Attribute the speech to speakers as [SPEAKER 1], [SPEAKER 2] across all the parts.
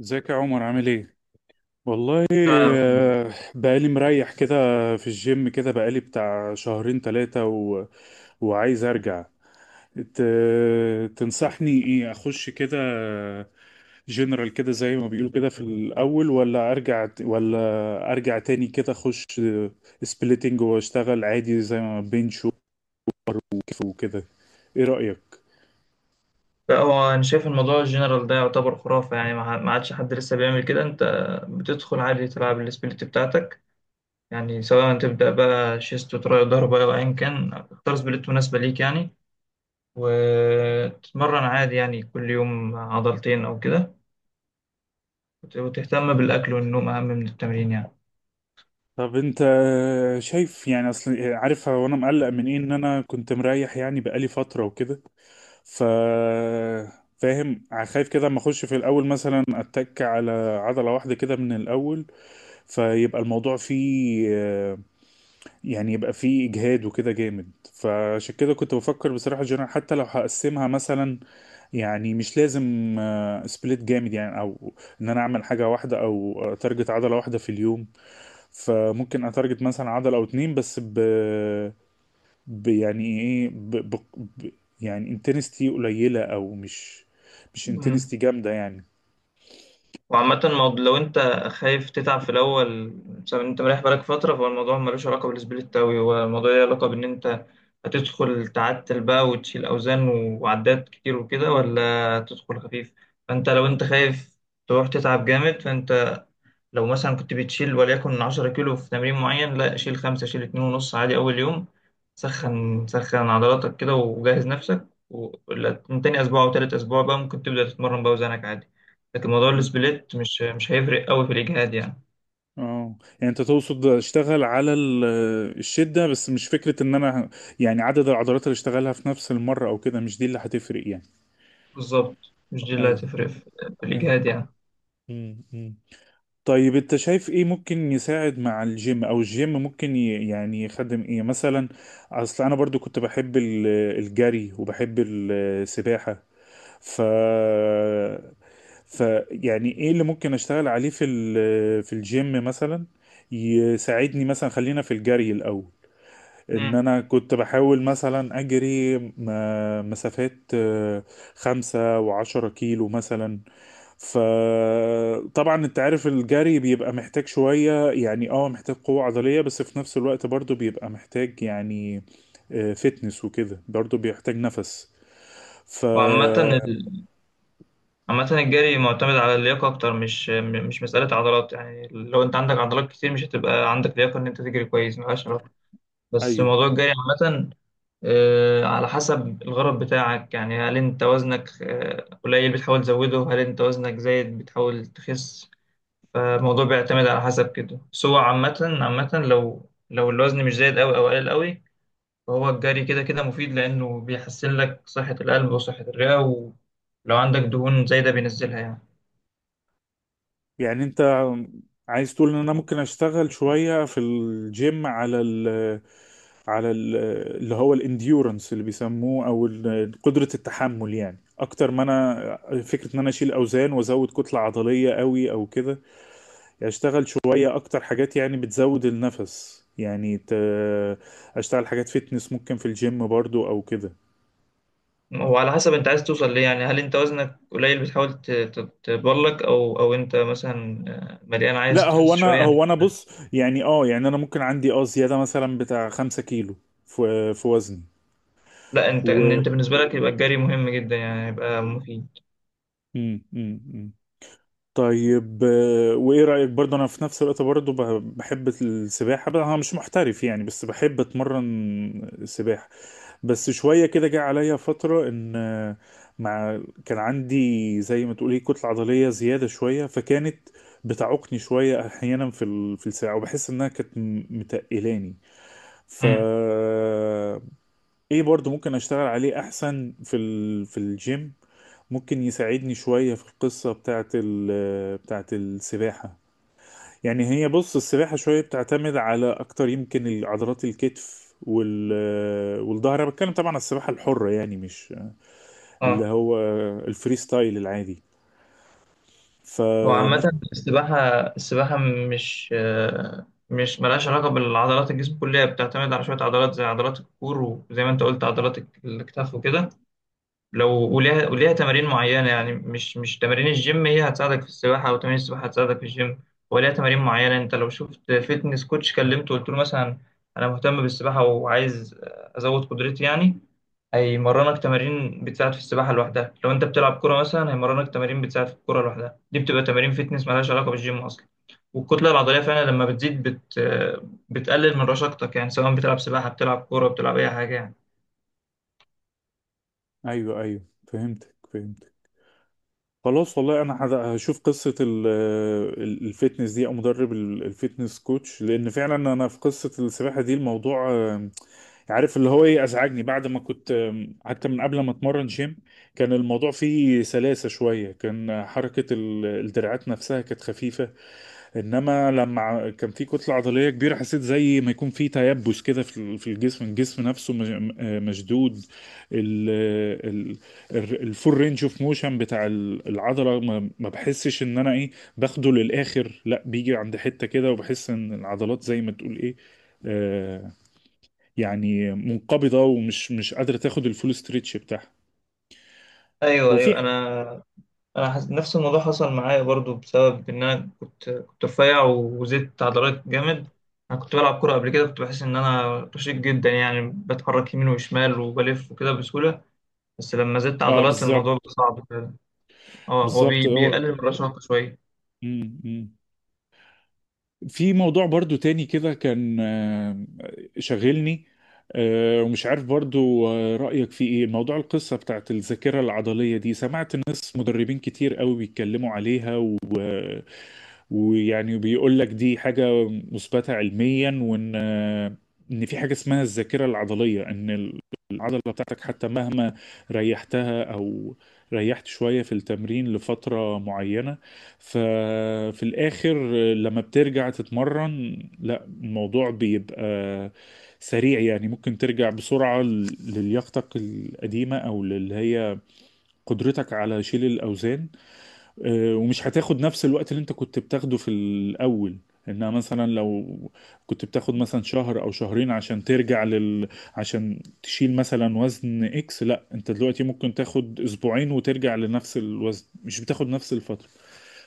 [SPEAKER 1] ازيك يا عمر، عامل ايه؟ والله
[SPEAKER 2] فعلا.
[SPEAKER 1] آه، بقالي مريح كده. في الجيم كده بقالي بتاع شهرين 3 وعايز ارجع. ت... تنصحني ايه، اخش كده جنرال كده زي ما بيقولوا كده في الاول، ولا ارجع ولا ارجع تاني كده، اخش سبليتنج واشتغل عادي زي ما بنش وكيف وكده؟ ايه رأيك؟
[SPEAKER 2] لا، هو انا شايف الموضوع الجنرال ده يعتبر خرافه يعني ما عادش حد لسه بيعمل كده. انت بتدخل عادي تلعب السبليت بتاعتك يعني، سواء تبدا بقى شيست وتراي ظهر بقى وايا كان تختار سبليت مناسبه ليك يعني، وتتمرن عادي يعني كل يوم عضلتين او كده، وتهتم بالاكل والنوم اهم من التمرين يعني.
[SPEAKER 1] طب انت شايف يعني، اصل عارف هو انا مقلق من ايه، ان انا كنت مريح يعني بقالي فترة وكده. ف فاهم، خايف كده اما اخش في الاول مثلا اتك على عضله واحده كده من الاول، فيبقى الموضوع فيه يعني يبقى فيه اجهاد وكده جامد. فعشان كده كنت بفكر بصراحه جنرال، حتى لو هقسمها، مثلا يعني مش لازم سبليت جامد يعني، او ان انا اعمل حاجه واحده او تارجت عضله واحده في اليوم. فممكن اتارجت مثلا عضله او اتنين، بس يعني ايه ب ب ب يعني انتنستي قليلة، او مش
[SPEAKER 2] مم.
[SPEAKER 1] انتنستي جامدة يعني.
[SPEAKER 2] وعامة لو انت خايف تتعب في الأول بسبب ان انت مريح بالك فترة، فهو الموضوع ملوش علاقة بالسبليت أوي، هو الموضوع ليه علاقة بإن انت هتدخل تعتل بقى وتشيل أوزان وعدات كتير وكده، ولا تدخل خفيف. فانت لو انت خايف تروح تتعب جامد، فانت لو مثلا كنت بتشيل وليكن 10 كيلو في تمرين معين، لا شيل 5، شيل 2 ونص عادي أول يوم. سخن سخن عضلاتك كده وجهز نفسك ولا من تاني أسبوع أو تالت أسبوع بقى ممكن تبدأ تتمرن بقى وزنك عادي. لكن موضوع
[SPEAKER 1] مم.
[SPEAKER 2] السبليت مش هيفرق أوي في الإجهاد يعني.
[SPEAKER 1] اه يعني انت تقصد اشتغل على الشدة بس، مش فكرة ان انا يعني عدد العضلات اللي اشتغلها في نفس المرة او كده، مش دي اللي هتفرق يعني.
[SPEAKER 2] بالظبط، مش دي اللي
[SPEAKER 1] ايوه
[SPEAKER 2] هتفرق في في
[SPEAKER 1] ايوه.
[SPEAKER 2] الإجهاد يعني.
[SPEAKER 1] مم. مم. طيب انت شايف ايه ممكن يساعد مع الجيم، او الجيم ممكن يعني يخدم ايه مثلا؟ اصل انا برضو كنت بحب الجري، وبحب السباحة. ف ف يعني ايه اللي ممكن اشتغل عليه في في الجيم مثلا يساعدني مثلا. خلينا في الجري الاول، ان
[SPEAKER 2] مم.
[SPEAKER 1] انا كنت بحاول مثلا اجري مسافات، 5 و10 كيلو مثلا. فطبعا انت عارف الجري بيبقى محتاج شوية، يعني محتاج قوة عضلية، بس في نفس الوقت برضو بيبقى محتاج يعني فتنس وكده، برضو بيحتاج نفس. ف
[SPEAKER 2] وعامة ال... عامة الجري معتمد على اللياقة أكتر، مش مسألة عضلات يعني. لو أنت عندك عضلات كتير مش هتبقى عندك لياقة إن أنت تجري كويس، ملهاش علاقة. بس
[SPEAKER 1] أيوه.
[SPEAKER 2] موضوع الجري عامة، على حسب الغرض بتاعك يعني، هل انت وزنك قليل بتحاول تزوده، هل انت وزنك زايد بتحاول تخس. فالموضوع بيعتمد على حسب كده. بس هو عامة لو الوزن مش زايد أوي أو قليل أوي، فهو الجري كده كده مفيد، لأنه بيحسن لك صحة القلب وصحة الرئة، ولو عندك دهون زايدة بينزلها يعني.
[SPEAKER 1] يعني انت عايز تقول ان انا ممكن اشتغل شوية في الجيم على ال، على ال اللي هو الانديورنس اللي بيسموه، او قدرة التحمل، يعني اكتر ما انا فكرة ان انا اشيل اوزان وازود كتلة عضلية قوي او كده. يعني اشتغل شوية اكتر حاجات يعني بتزود النفس، يعني اشتغل حاجات فيتنس ممكن في الجيم برضو او كده.
[SPEAKER 2] وعلى حسب انت عايز توصل ليه يعني، هل انت وزنك قليل بتحاول تتبلك، او او انت مثلا مليان
[SPEAKER 1] لا،
[SPEAKER 2] عايز
[SPEAKER 1] هو
[SPEAKER 2] تخس
[SPEAKER 1] انا
[SPEAKER 2] شوية.
[SPEAKER 1] هو انا بص، يعني يعني انا ممكن عندي زيادة مثلا بتاع 5 كيلو في وزني.
[SPEAKER 2] لا، انت، ان انت بالنسبه لك يبقى الجري مهم جدا يعني، يبقى مفيد.
[SPEAKER 1] مم، مم، مم. طيب وايه رأيك برضه؟ انا في نفس الوقت برضه بحب السباحة. بقى انا مش محترف يعني، بس بحب اتمرن سباحة. بس شوية كده جه عليا فترة ان مع كان عندي زي ما تقولي كتلة عضلية زيادة شوية، فكانت بتعوقني شوية احيانا في في الساعة، وبحس انها كانت متقلاني. ف
[SPEAKER 2] امم
[SPEAKER 1] ايه برضو ممكن اشتغل عليه احسن في الجيم، ممكن يساعدني شوية في القصة بتاعت بتاعت السباحة؟ يعني هي بص، السباحة شوية بتعتمد على، اكتر يمكن، عضلات الكتف والظهر. انا بتكلم طبعا على السباحة الحرة، يعني مش اللي
[SPEAKER 2] اه
[SPEAKER 1] هو الفري ستايل العادي.
[SPEAKER 2] هو
[SPEAKER 1] فممكن
[SPEAKER 2] عامه السباحه السباحه مش، ملهاش علاقه بالعضلات، الجسم كلها بتعتمد على شويه عضلات زي عضلات الكور، وزي ما انت قلت عضلات الكتاف وكده. لو، وليها تمارين معينه يعني. مش تمارين الجيم هي هتساعدك في السباحه، او تمارين السباحه هتساعدك في الجيم، وليها تمارين معينه. انت لو شفت فيتنس كوتش كلمته وقلت له مثلا انا مهتم بالسباحه وعايز ازود قدرتي يعني، هيمرنك تمارين بتساعد في السباحة لوحدها. لو انت بتلعب كورة مثلا هيمرنك تمارين بتساعد في الكورة لوحدها. دي بتبقى تمارين فيتنس مالهاش علاقة بالجيم أصلا. والكتلة العضلية فعلا لما بتزيد بتقلل من رشاقتك يعني، سواء بتلعب سباحة، بتلعب كورة، بتلعب أي حاجة يعني.
[SPEAKER 1] ايوه ايوه، فهمتك فهمتك. خلاص والله انا هشوف قصه الفيتنس دي، او مدرب الفيتنس كوتش، لان فعلا انا في قصه السباحه دي الموضوع عارف اللي هو ايه ازعجني. بعد ما كنت حتى من قبل ما اتمرن جيم، كان الموضوع فيه سلاسه شويه، كان حركه الدراعات نفسها كانت خفيفه. انما لما كان في كتله عضليه كبيره، حسيت زي ما يكون في تيبس كده في الجسم. الجسم نفسه مشدود. ال ال الفول رينج اوف موشن بتاع العضله، ما بحسش ان انا ايه باخده للاخر. لا، بيجي عند حته كده، وبحس ان العضلات زي ما تقول ايه آه يعني منقبضه، ومش مش قادره تاخد الفول ستريتش بتاعها.
[SPEAKER 2] أيوه،
[SPEAKER 1] وفي
[SPEAKER 2] أيوه،
[SPEAKER 1] ح-
[SPEAKER 2] أنا نفس الموضوع حصل معايا برضو، بسبب إن أنا كنت رفيع وزدت عضلات جامد. أنا كنت بلعب كورة قبل كده، كنت بحس إن أنا رشيق جدا يعني، بتحرك يمين وشمال وبلف وكده بسهولة، بس لما زدت
[SPEAKER 1] اه
[SPEAKER 2] عضلات
[SPEAKER 1] بالظبط.
[SPEAKER 2] الموضوع بقى صعب. اه، هو
[SPEAKER 1] بالظبط هو.
[SPEAKER 2] بيقلل من الرشاقة شوية.
[SPEAKER 1] مم، مم. في موضوع برضو تاني كده كان شاغلني، ومش عارف برضو رأيك في ايه. موضوع القصة بتاعت الذاكرة العضلية دي، سمعت ناس مدربين كتير قوي بيتكلموا عليها، ويعني بيقول لك دي حاجة مثبتة علميا، وان في حاجة اسمها الذاكرة العضلية. ان العضلة بتاعتك، حتى مهما ريحتها او ريحت شوية في التمرين لفترة معينة، ففي الاخر لما بترجع تتمرن، لا الموضوع بيبقى سريع. يعني ممكن ترجع بسرعة للياقتك القديمة، او اللي هي قدرتك على شيل الاوزان، ومش هتاخد نفس الوقت اللي انت كنت بتاخده في الاول. انها مثلا لو كنت بتاخد مثلا شهر او شهرين عشان ترجع عشان تشيل مثلا وزن اكس، لا، انت دلوقتي ممكن تاخد اسبوعين وترجع لنفس الوزن، مش بتاخد نفس الفترة.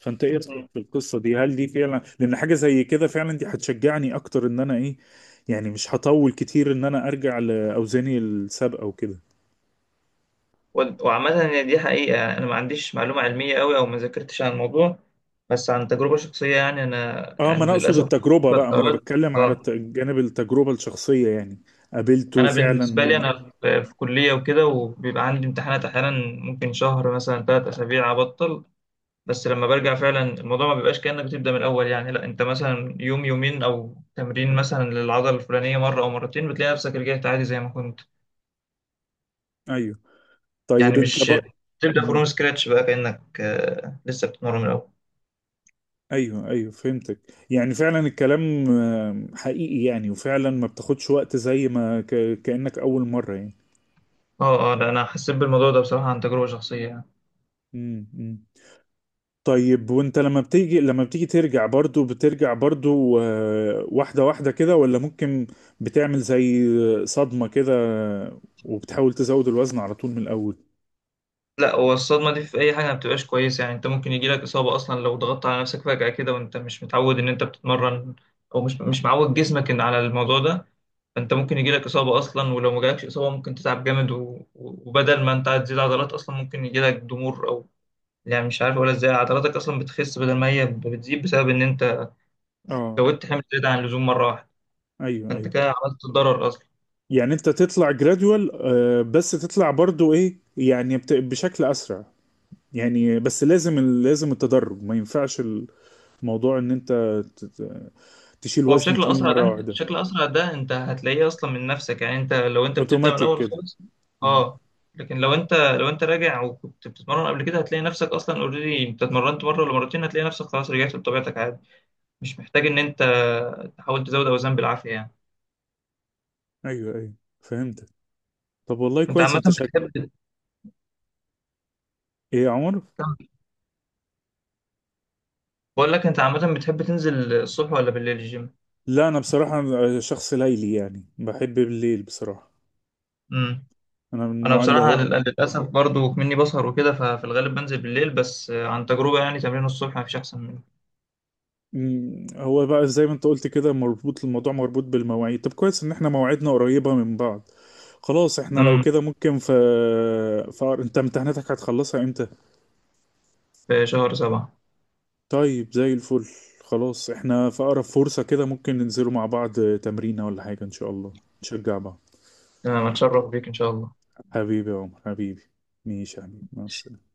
[SPEAKER 1] فانت ايه رأيك
[SPEAKER 2] مم.
[SPEAKER 1] في القصة دي؟ هل دي فعلا؟ لان حاجة زي كده فعلا دي هتشجعني اكتر، ان انا ايه، يعني مش هطول كتير ان انا ارجع لاوزاني السابقة وكده.
[SPEAKER 2] وعامة هي دي حقيقة، أنا ما عنديش معلومة علمية أوي أو ما ذاكرتش عن الموضوع، بس عن تجربة شخصية يعني. أنا
[SPEAKER 1] اه ما
[SPEAKER 2] يعني
[SPEAKER 1] انا اقصد
[SPEAKER 2] للأسف
[SPEAKER 1] التجربة
[SPEAKER 2] كنت
[SPEAKER 1] بقى، ما انا بتكلم على
[SPEAKER 2] آه.
[SPEAKER 1] جانب التجربة الشخصية يعني. قابلته
[SPEAKER 2] أنا بالنسبة لي
[SPEAKER 1] فعلا.
[SPEAKER 2] أنا في كلية وكده، وبيبقى عندي امتحانات أحيانا، ممكن شهر مثلا، 3 أسابيع أبطل. بس لما برجع فعلا الموضوع ما بيبقاش كأنك بتبدأ من الأول يعني، لا أنت مثلا يوم يومين أو تمرين مثلا للعضلة الفلانية مرة أو مرتين بتلاقي نفسك رجعت عادي زي ما كنت.
[SPEAKER 1] ايوه. طيب
[SPEAKER 2] يعني
[SPEAKER 1] انت
[SPEAKER 2] مش
[SPEAKER 1] بقى.
[SPEAKER 2] تبدأ فروم
[SPEAKER 1] مم.
[SPEAKER 2] سكراتش بقى كأنك لسه بتتمرن من الأول.
[SPEAKER 1] ايوه ايوه، فهمتك. يعني فعلا الكلام حقيقي، يعني وفعلا ما بتاخدش وقت زي ما كأنك اول مرة يعني.
[SPEAKER 2] اه، اه، لا أنا حسيت بالموضوع ده بصراحة عن تجربة شخصية يعني.
[SPEAKER 1] مم. مم. طيب وانت لما بتيجي ترجع، برضو بترجع برضو واحدة واحدة كده، ولا ممكن بتعمل زي صدمة كده وبتحاول تزود الوزن على طول من الاول؟
[SPEAKER 2] لا، هو الصدمة دي في أي حاجة ما بتبقاش كويسة يعني. أنت ممكن يجيلك إصابة أصلا لو ضغطت على نفسك فجأة كده وأنت مش متعود إن أنت بتتمرن، أو مش معود جسمك إن على الموضوع ده. فأنت ممكن يجيلك إصابة أصلا، ولو ما جالكش إصابة ممكن تتعب جامد وبدل ما أنت هتزيد عضلات أصلا ممكن يجيلك ضمور، أو يعني مش عارف أقول إزاي، عضلاتك أصلا بتخس بدل ما هي بتزيد، بسبب إن أنت
[SPEAKER 1] اه،
[SPEAKER 2] زودت حمل زيادة عن اللزوم مرة واحدة.
[SPEAKER 1] ايوه
[SPEAKER 2] فانت
[SPEAKER 1] ايوه.
[SPEAKER 2] كده عملت ضرر اصلا.
[SPEAKER 1] يعني انت تطلع جراديوال، بس تطلع برضو ايه، يعني بشكل اسرع. يعني بس لازم التدرج، ما ينفعش الموضوع ان انت ت- ت- تشيل
[SPEAKER 2] هو
[SPEAKER 1] وزن
[SPEAKER 2] بشكل
[SPEAKER 1] تقيل
[SPEAKER 2] اسرع ده،
[SPEAKER 1] مرة واحدة.
[SPEAKER 2] بشكل اسرع ده انت هتلاقيه اصلا من نفسك يعني. انت لو انت بتبدا من
[SPEAKER 1] اوتوماتيك
[SPEAKER 2] الاول
[SPEAKER 1] كده.
[SPEAKER 2] خالص،
[SPEAKER 1] مم.
[SPEAKER 2] اه. لكن لو انت راجع وكنت بتتمرن قبل كده، هتلاقي نفسك اصلا اوريدي، انت اتمرنت مره ولا مرتين هتلاقي نفسك خلاص رجعت لطبيعتك عادي، مش محتاج ان انت تحاول تزود اوزان بالعافيه يعني.
[SPEAKER 1] ايوه ايوه، فهمتك. طب والله
[SPEAKER 2] انت
[SPEAKER 1] كويس.
[SPEAKER 2] عامه
[SPEAKER 1] انت شك
[SPEAKER 2] بتحب
[SPEAKER 1] ايه يا عمر؟
[SPEAKER 2] تكمل؟ بقول لك انت عامه بتحب تنزل الصبح ولا بالليل الجيم؟
[SPEAKER 1] لا انا بصراحة شخص ليلي يعني، بحب بالليل بصراحة.
[SPEAKER 2] امم
[SPEAKER 1] انا من
[SPEAKER 2] انا
[SPEAKER 1] النوع اللي
[SPEAKER 2] بصراحه
[SPEAKER 1] هو.
[SPEAKER 2] للاسف برضو مني بسهر وكده، ففي الغالب بنزل بالليل، بس عن تجربه يعني تمرين الصبح مفيش احسن
[SPEAKER 1] مم، هو بقى زي ما انت قلت كده، مربوط الموضوع مربوط بالمواعيد. طب كويس ان احنا مواعيدنا قريبة من بعض. خلاص احنا لو
[SPEAKER 2] منه.
[SPEAKER 1] كده، ممكن انت امتحاناتك هتخلصها امتى؟
[SPEAKER 2] في شهر 7.
[SPEAKER 1] طيب زي الفل. خلاص احنا في اقرب فرصة كده ممكن ننزلوا مع بعض تمرينة ولا حاجة ان شاء الله، نشجع بعض.
[SPEAKER 2] أنا متشرف بيك إن شاء الله.
[SPEAKER 1] حبيبي يا عمر، حبيبي، ماشي يا حبيبي، مع السلامة.